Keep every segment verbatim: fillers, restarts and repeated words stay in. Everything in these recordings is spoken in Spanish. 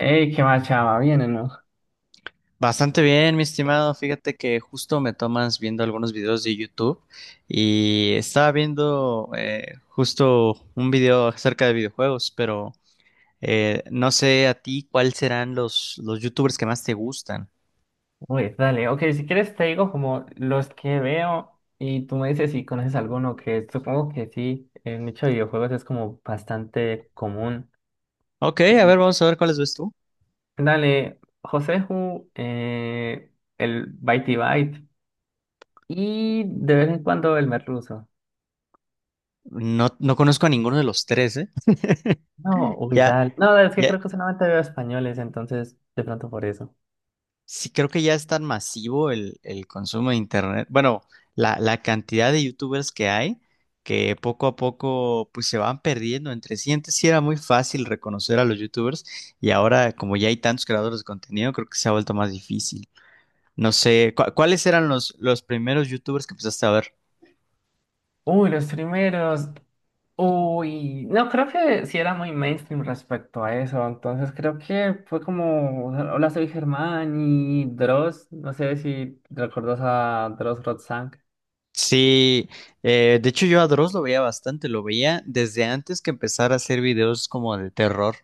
Ey, qué más, chava, ¿viene, no? Bastante bien, mi estimado. Fíjate que justo me tomas viendo algunos videos de YouTube y estaba viendo eh, justo un video acerca de videojuegos, pero eh, no sé a ti cuáles serán los, los YouTubers que más te gustan. Uy, dale, ok, si quieres te digo como los que veo y tú me dices si conoces alguno. Que supongo que sí, el nicho de videojuegos es como bastante común. Ok, a Y ver, vamos a ver cuáles ves tú. dale, Joseju, eh, el Bitey Byte y de vez en cuando el Merluzo. No, no conozco a ninguno de los tres, ¿eh? No, uy, Ya, dale. No, es que ya, creo que solamente veo españoles, entonces de pronto por eso. sí, creo que ya es tan masivo el, el consumo de internet. Bueno, la, la cantidad de youtubers que hay que poco a poco pues se van perdiendo entre sí. Antes sí era muy fácil reconocer a los youtubers y ahora como ya hay tantos creadores de contenido, creo que se ha vuelto más difícil. No sé, ¿cu- ¿cuáles eran los, los primeros youtubers que empezaste a ver? Uy, los primeros. Uy, no, creo que sí era muy mainstream respecto a eso, entonces creo que fue como, hola soy Germán y Dross, no sé si recuerdas a Dross Rotzank. Sí, eh, de hecho yo a Dross lo veía bastante, lo veía desde antes que empezara a hacer videos como de terror.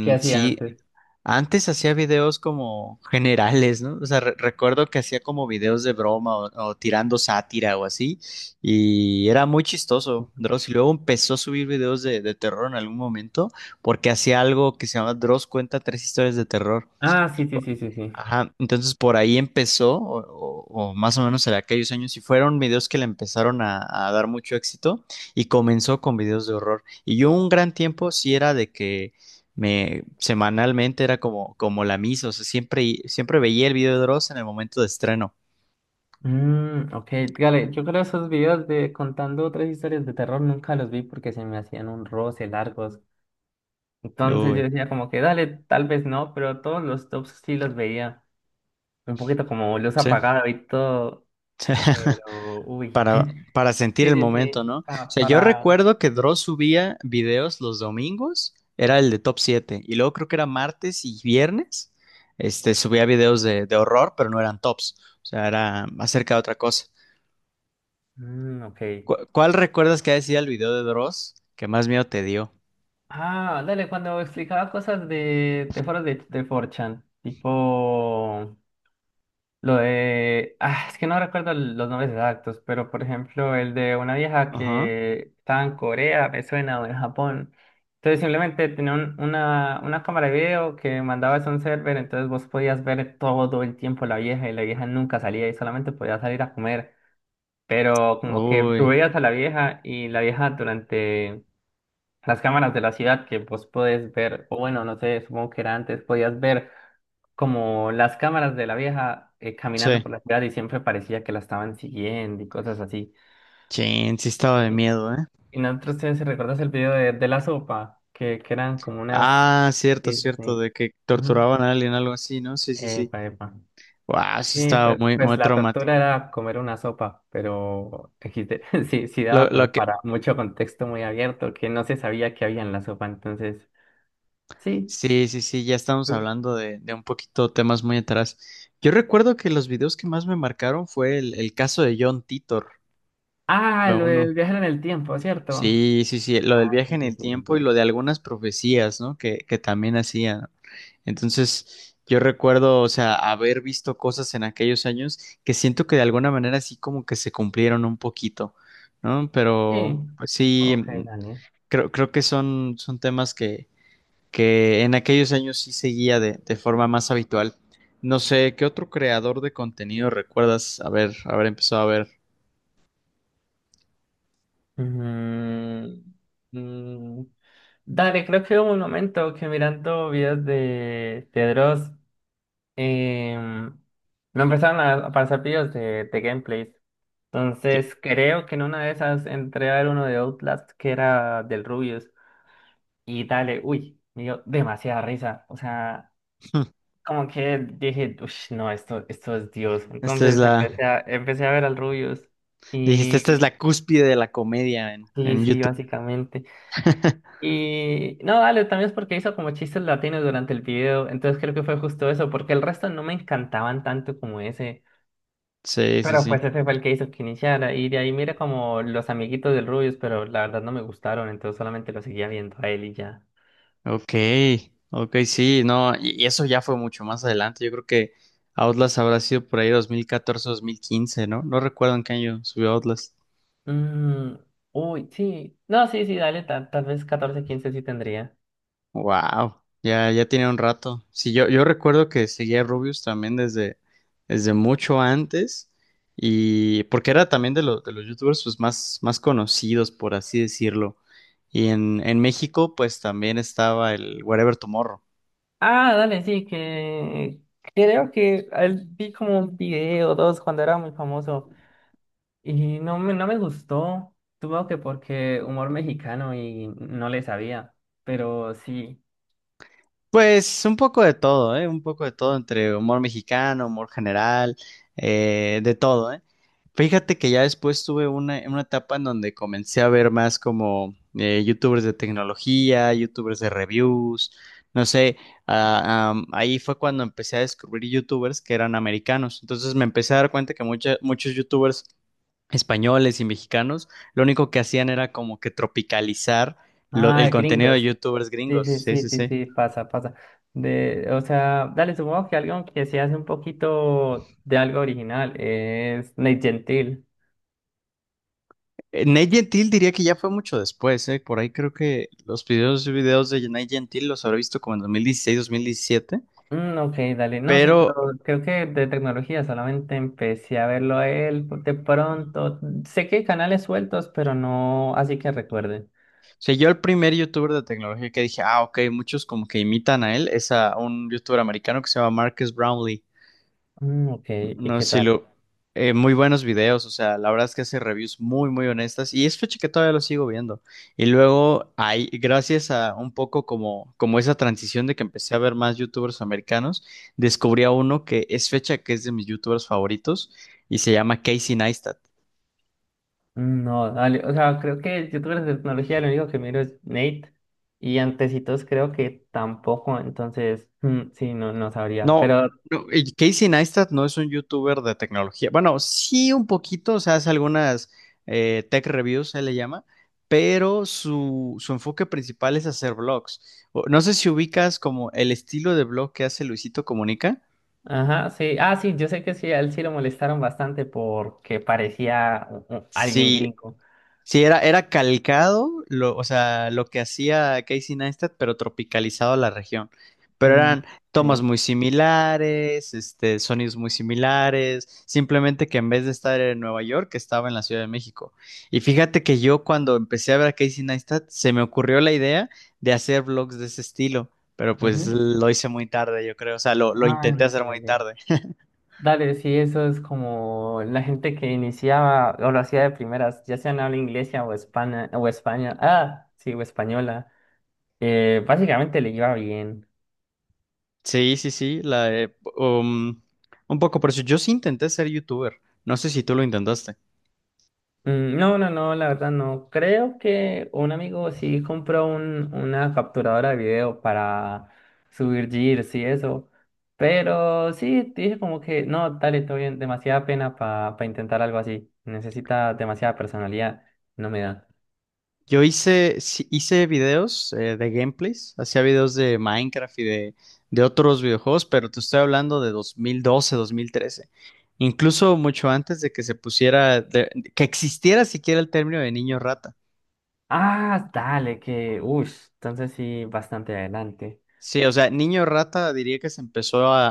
¿Qué hacía sí, antes? antes hacía videos como generales, ¿no? O sea, re- recuerdo que hacía como videos de broma o, o tirando sátira o así, y era muy chistoso, Dross. Y luego empezó a subir videos de, de terror en algún momento, porque hacía algo que se llama Dross cuenta tres historias de terror. Ah, sí, sí, sí, sí, sí. Ajá, entonces por ahí empezó, o, o- o más o menos en aquellos años, y fueron videos que le empezaron a, a dar mucho éxito y comenzó con videos de horror. Y yo un gran tiempo sí era de que me semanalmente era como, como la misa, o sea, siempre, siempre veía el video de Dross en el momento de estreno. Mm, ok, dale, yo creo esos videos de contando otras historias de terror nunca los vi porque se me hacían un roce largos, entonces yo Uy, decía como que dale, tal vez no, pero todos los tops sí los veía, un poquito como luz sí. apagada y todo, pero uy. para, para sentir Sí, el sí, momento, sí, ¿no? O pa- sea, yo para... recuerdo que Dross subía videos los domingos, era el de top siete y luego creo que era martes y viernes, este, subía videos de, de horror, pero no eran tops, o sea, era acerca de otra cosa. Mm, ok. ¿Cu- ¿Cuál recuerdas que decía el video de Dross que más miedo te dio? Ah, dale, cuando explicaba cosas de, de foros de, de cuatro chan, tipo lo de... Ah, es que no recuerdo los nombres exactos, pero por ejemplo el de una vieja Ajá. que estaba en Corea, me suena, o en Japón. Entonces simplemente tenía un- una, una cámara de video que mandabas a un server, entonces vos podías ver todo el tiempo la vieja, y la vieja nunca salía y solamente podía salir a comer. Pero como que tú Uy, veías a la vieja y la vieja durante las cámaras de la ciudad que vos podés ver, o bueno, no sé, supongo que era antes, podías ver como las cámaras de la vieja eh, caminando sí. por la ciudad, y siempre parecía que la estaban siguiendo y cosas así. Chin, sí estaba de Y, miedo, ¿eh? y nosotros, si recuerdas el video de, de la sopa, que, que eran como unas... Ah, cierto, Sí, cierto, sí. de que Ujú. torturaban a alguien, algo así, ¿no? Sí, sí, sí. Epa, epa. Wow, sí Sí, estaba pues, muy, pues muy la tortura traumático. era comer una sopa, pero equis de, sí, sí Lo, daba como lo que, para mucho contexto muy abierto, que no se sabía qué había en la sopa, entonces, sí. Sí, sí, sí, ya estamos hablando de, de un poquito temas muy atrás. Yo recuerdo que los videos que más me marcaron fue el, el caso de John Titor, Ah, fue lo uno. del viajar en el tiempo, ¿cierto? Sí, sí, sí, lo del Ah, viaje sí, en sí, el sí, tiempo y sí. lo de algunas profecías, ¿no? Que, que también hacían. Entonces, yo recuerdo, o sea, haber visto cosas en aquellos años que siento que de alguna manera sí como que se cumplieron un poquito, ¿no? Sí, sí. Pero, pues Ok, sí, dale. creo, creo que son, son temas que, que en aquellos años sí seguía de, de forma más habitual. No sé, ¿qué otro creador de contenido recuerdas haber, haber empezado a ver? Mm, mm, dale, creo que hubo un momento que mirando videos de, de Dross em, me empezaron a a aparecer videos de, de gameplays. Cl- Entonces creo que en una de esas entré a ver uno de Outlast que era del Rubius. Y dale, uy, me dio demasiada risa. O sea, como que dije, uff, no, esto, esto es Dios. Esta es Entonces la, empecé a, empecé a ver al Rubius. dijiste, esta es Y la cúspide de la comedia en, sí, en sí, YouTube. básicamente. Y no, dale, también es porque hizo como chistes latinos durante el video. Entonces creo que fue justo eso, porque el resto no me encantaban tanto como ese. Sí, sí, Pero sí. pues ese fue el que hizo que iniciara. Y de ahí mira como los amiguitos del Rubius, pero la verdad no me gustaron, entonces solamente lo seguía viendo a él y ya. Ok, ok, sí, no, y, y eso ya fue mucho más adelante. Yo creo que Outlast habrá sido por ahí dos mil catorce, dos mil quince, ¿no? No recuerdo en qué año subió Outlast. Mm, uy, sí. No, sí, sí, dale, ta- tal vez catorce quince sí tendría. Wow, ya, ya tiene un rato. Sí, yo, yo recuerdo que seguía a Rubius también desde, desde mucho antes, y porque era también de los, de los youtubers pues, más, más conocidos, por así decirlo. Y en, en México, pues también estaba el Wherever Tomorrow. Ah, dale, sí, que creo que él vi como un video o dos cuando era muy famoso y no me, no me gustó. Tuvo que porque humor mexicano y no le sabía, pero sí. Pues un poco de todo, ¿eh? Un poco de todo entre humor mexicano, humor general, eh, de todo, ¿eh? Fíjate que ya después tuve una, una etapa en donde comencé a ver más como eh, youtubers de tecnología, youtubers de reviews, no sé, ah, am, ahí fue cuando empecé a descubrir youtubers que eran americanos. Entonces me empecé a dar cuenta que mucha- muchos youtubers españoles y mexicanos lo único que hacían era como que tropicalizar lo- Ah, el contenido de gringos. youtubers Sí, gringos. sí, Sí, sí, sí, sí, sí. sí, pasa, pasa. De, o sea, dale, supongo que alguien que se hace un poquito de algo original es Nate Gentil. Eh, Nat Gentil diría que ya fue mucho después, ¿eh? Por ahí creo que los videos, videos de Nat Gentil los habré visto como en dos mil dieciséis, dos mil diecisiete. Mm, ok, dale. No, sí, pero Pero, o creo que de tecnología solamente empecé a verlo a él de pronto. Sé que hay canales sueltos, pero no así que recuerden. sea, yo el primer youtuber de tecnología que dije, ah, ok, muchos como que imitan a él, es a un youtuber americano que se llama Marcus Brownlee. Mm, ok, ¿y No, qué sí, tal? lo, eh, muy buenos videos, o sea, la verdad es que hace reviews muy, muy honestas y es fecha que todavía lo sigo viendo. Y luego, hay, gracias a un poco como, como esa transición de que empecé a ver más youtubers americanos, descubrí a uno que es fecha que es de mis youtubers favoritos y se llama Casey Neistat. Mm, no, dale. O sea, creo que youtubers de tecnología lo único que miro es Nate. Y antecitos creo que tampoco, entonces, mm, sí, no, no sabría. No, Pero no, y Casey Neistat no es un youtuber de tecnología. Bueno, sí un poquito, o sea, hace algunas eh, tech reviews, se le llama, pero su, su enfoque principal es hacer vlogs. O- No sé si ubicas como el estilo de vlog que hace Luisito Comunica. ajá, sí. Ah, sí, yo sé que sí, a él sí lo molestaron bastante porque parecía u- u- alguien Sí, gringo. sí, era, era calcado, lo, o sea, lo que hacía Casey Neistat, pero tropicalizado a la región. Pero Mm, eran tomas sí. muy similares, este, sonidos muy similares, simplemente que en vez de estar en Nueva York, estaba en la Ciudad de México. Y fíjate que yo cuando empecé a ver a Casey Neistat, se me ocurrió la idea de hacer vlogs de ese estilo, pero pues Ujú. lo hice muy tarde, yo creo, o sea, lo, lo Ah, intenté no, sí, hacer muy dale. tarde. Dale, sí, eso es como la gente que iniciaba o lo hacía de primeras, ya sea en habla inglesa o España, o España. Ah, sí, o española. Eh, básicamente le iba bien. Sí, sí, sí, la de, um, un poco por eso. Yo sí intenté ser youtuber. No sé si tú lo intentaste. Mm, no, no, no, la verdad no. Creo que un amigo sí compró un, una capturadora de video para subir GIFs y eso. Pero sí, dije como que no, dale, todo bien, demasiada pena para intentar algo así. Necesita demasiada personalidad, no me da. Yo hice, sí, hice videos eh, de gameplays, hacía videos de Minecraft y de, de otros videojuegos, pero te estoy hablando de dos dos mil doce, dos mil trece, incluso mucho antes de que se pusiera, de- que existiera siquiera el término de niño rata. Ah, dale, que, uff, entonces sí, bastante adelante. Sí, o sea, niño rata diría que se empezó a,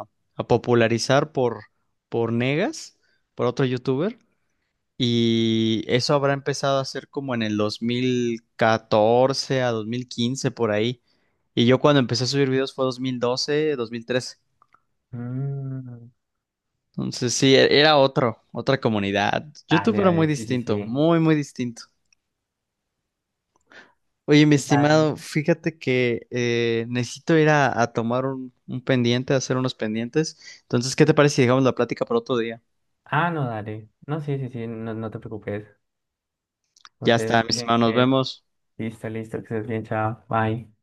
a- a popularizar por, por Negas, por otro youtuber. Y eso habrá empezado a hacer como en el dos mil catorce a dos mil quince por ahí. Y yo cuando empecé a subir videos fue dos dos mil doce dos mil dos mil trece. Mm, Entonces sí, e- era otro, otra comunidad. dale, YouTube era dale, muy sí, sí, distinto, sí. muy, muy distinto. Oye, mi Dale. estimado, fíjate que eh, necesito ir a, a tomar un, un pendiente, a hacer unos pendientes. Entonces, ¿qué te parece si dejamos la plática para otro día? Ah, no, dale. No, sí, sí, sí, no, no te preocupes. Ya Entonces, no está, mi tienen estimado, nos que. vemos. Listo, listo, que estés bien, chao, bye.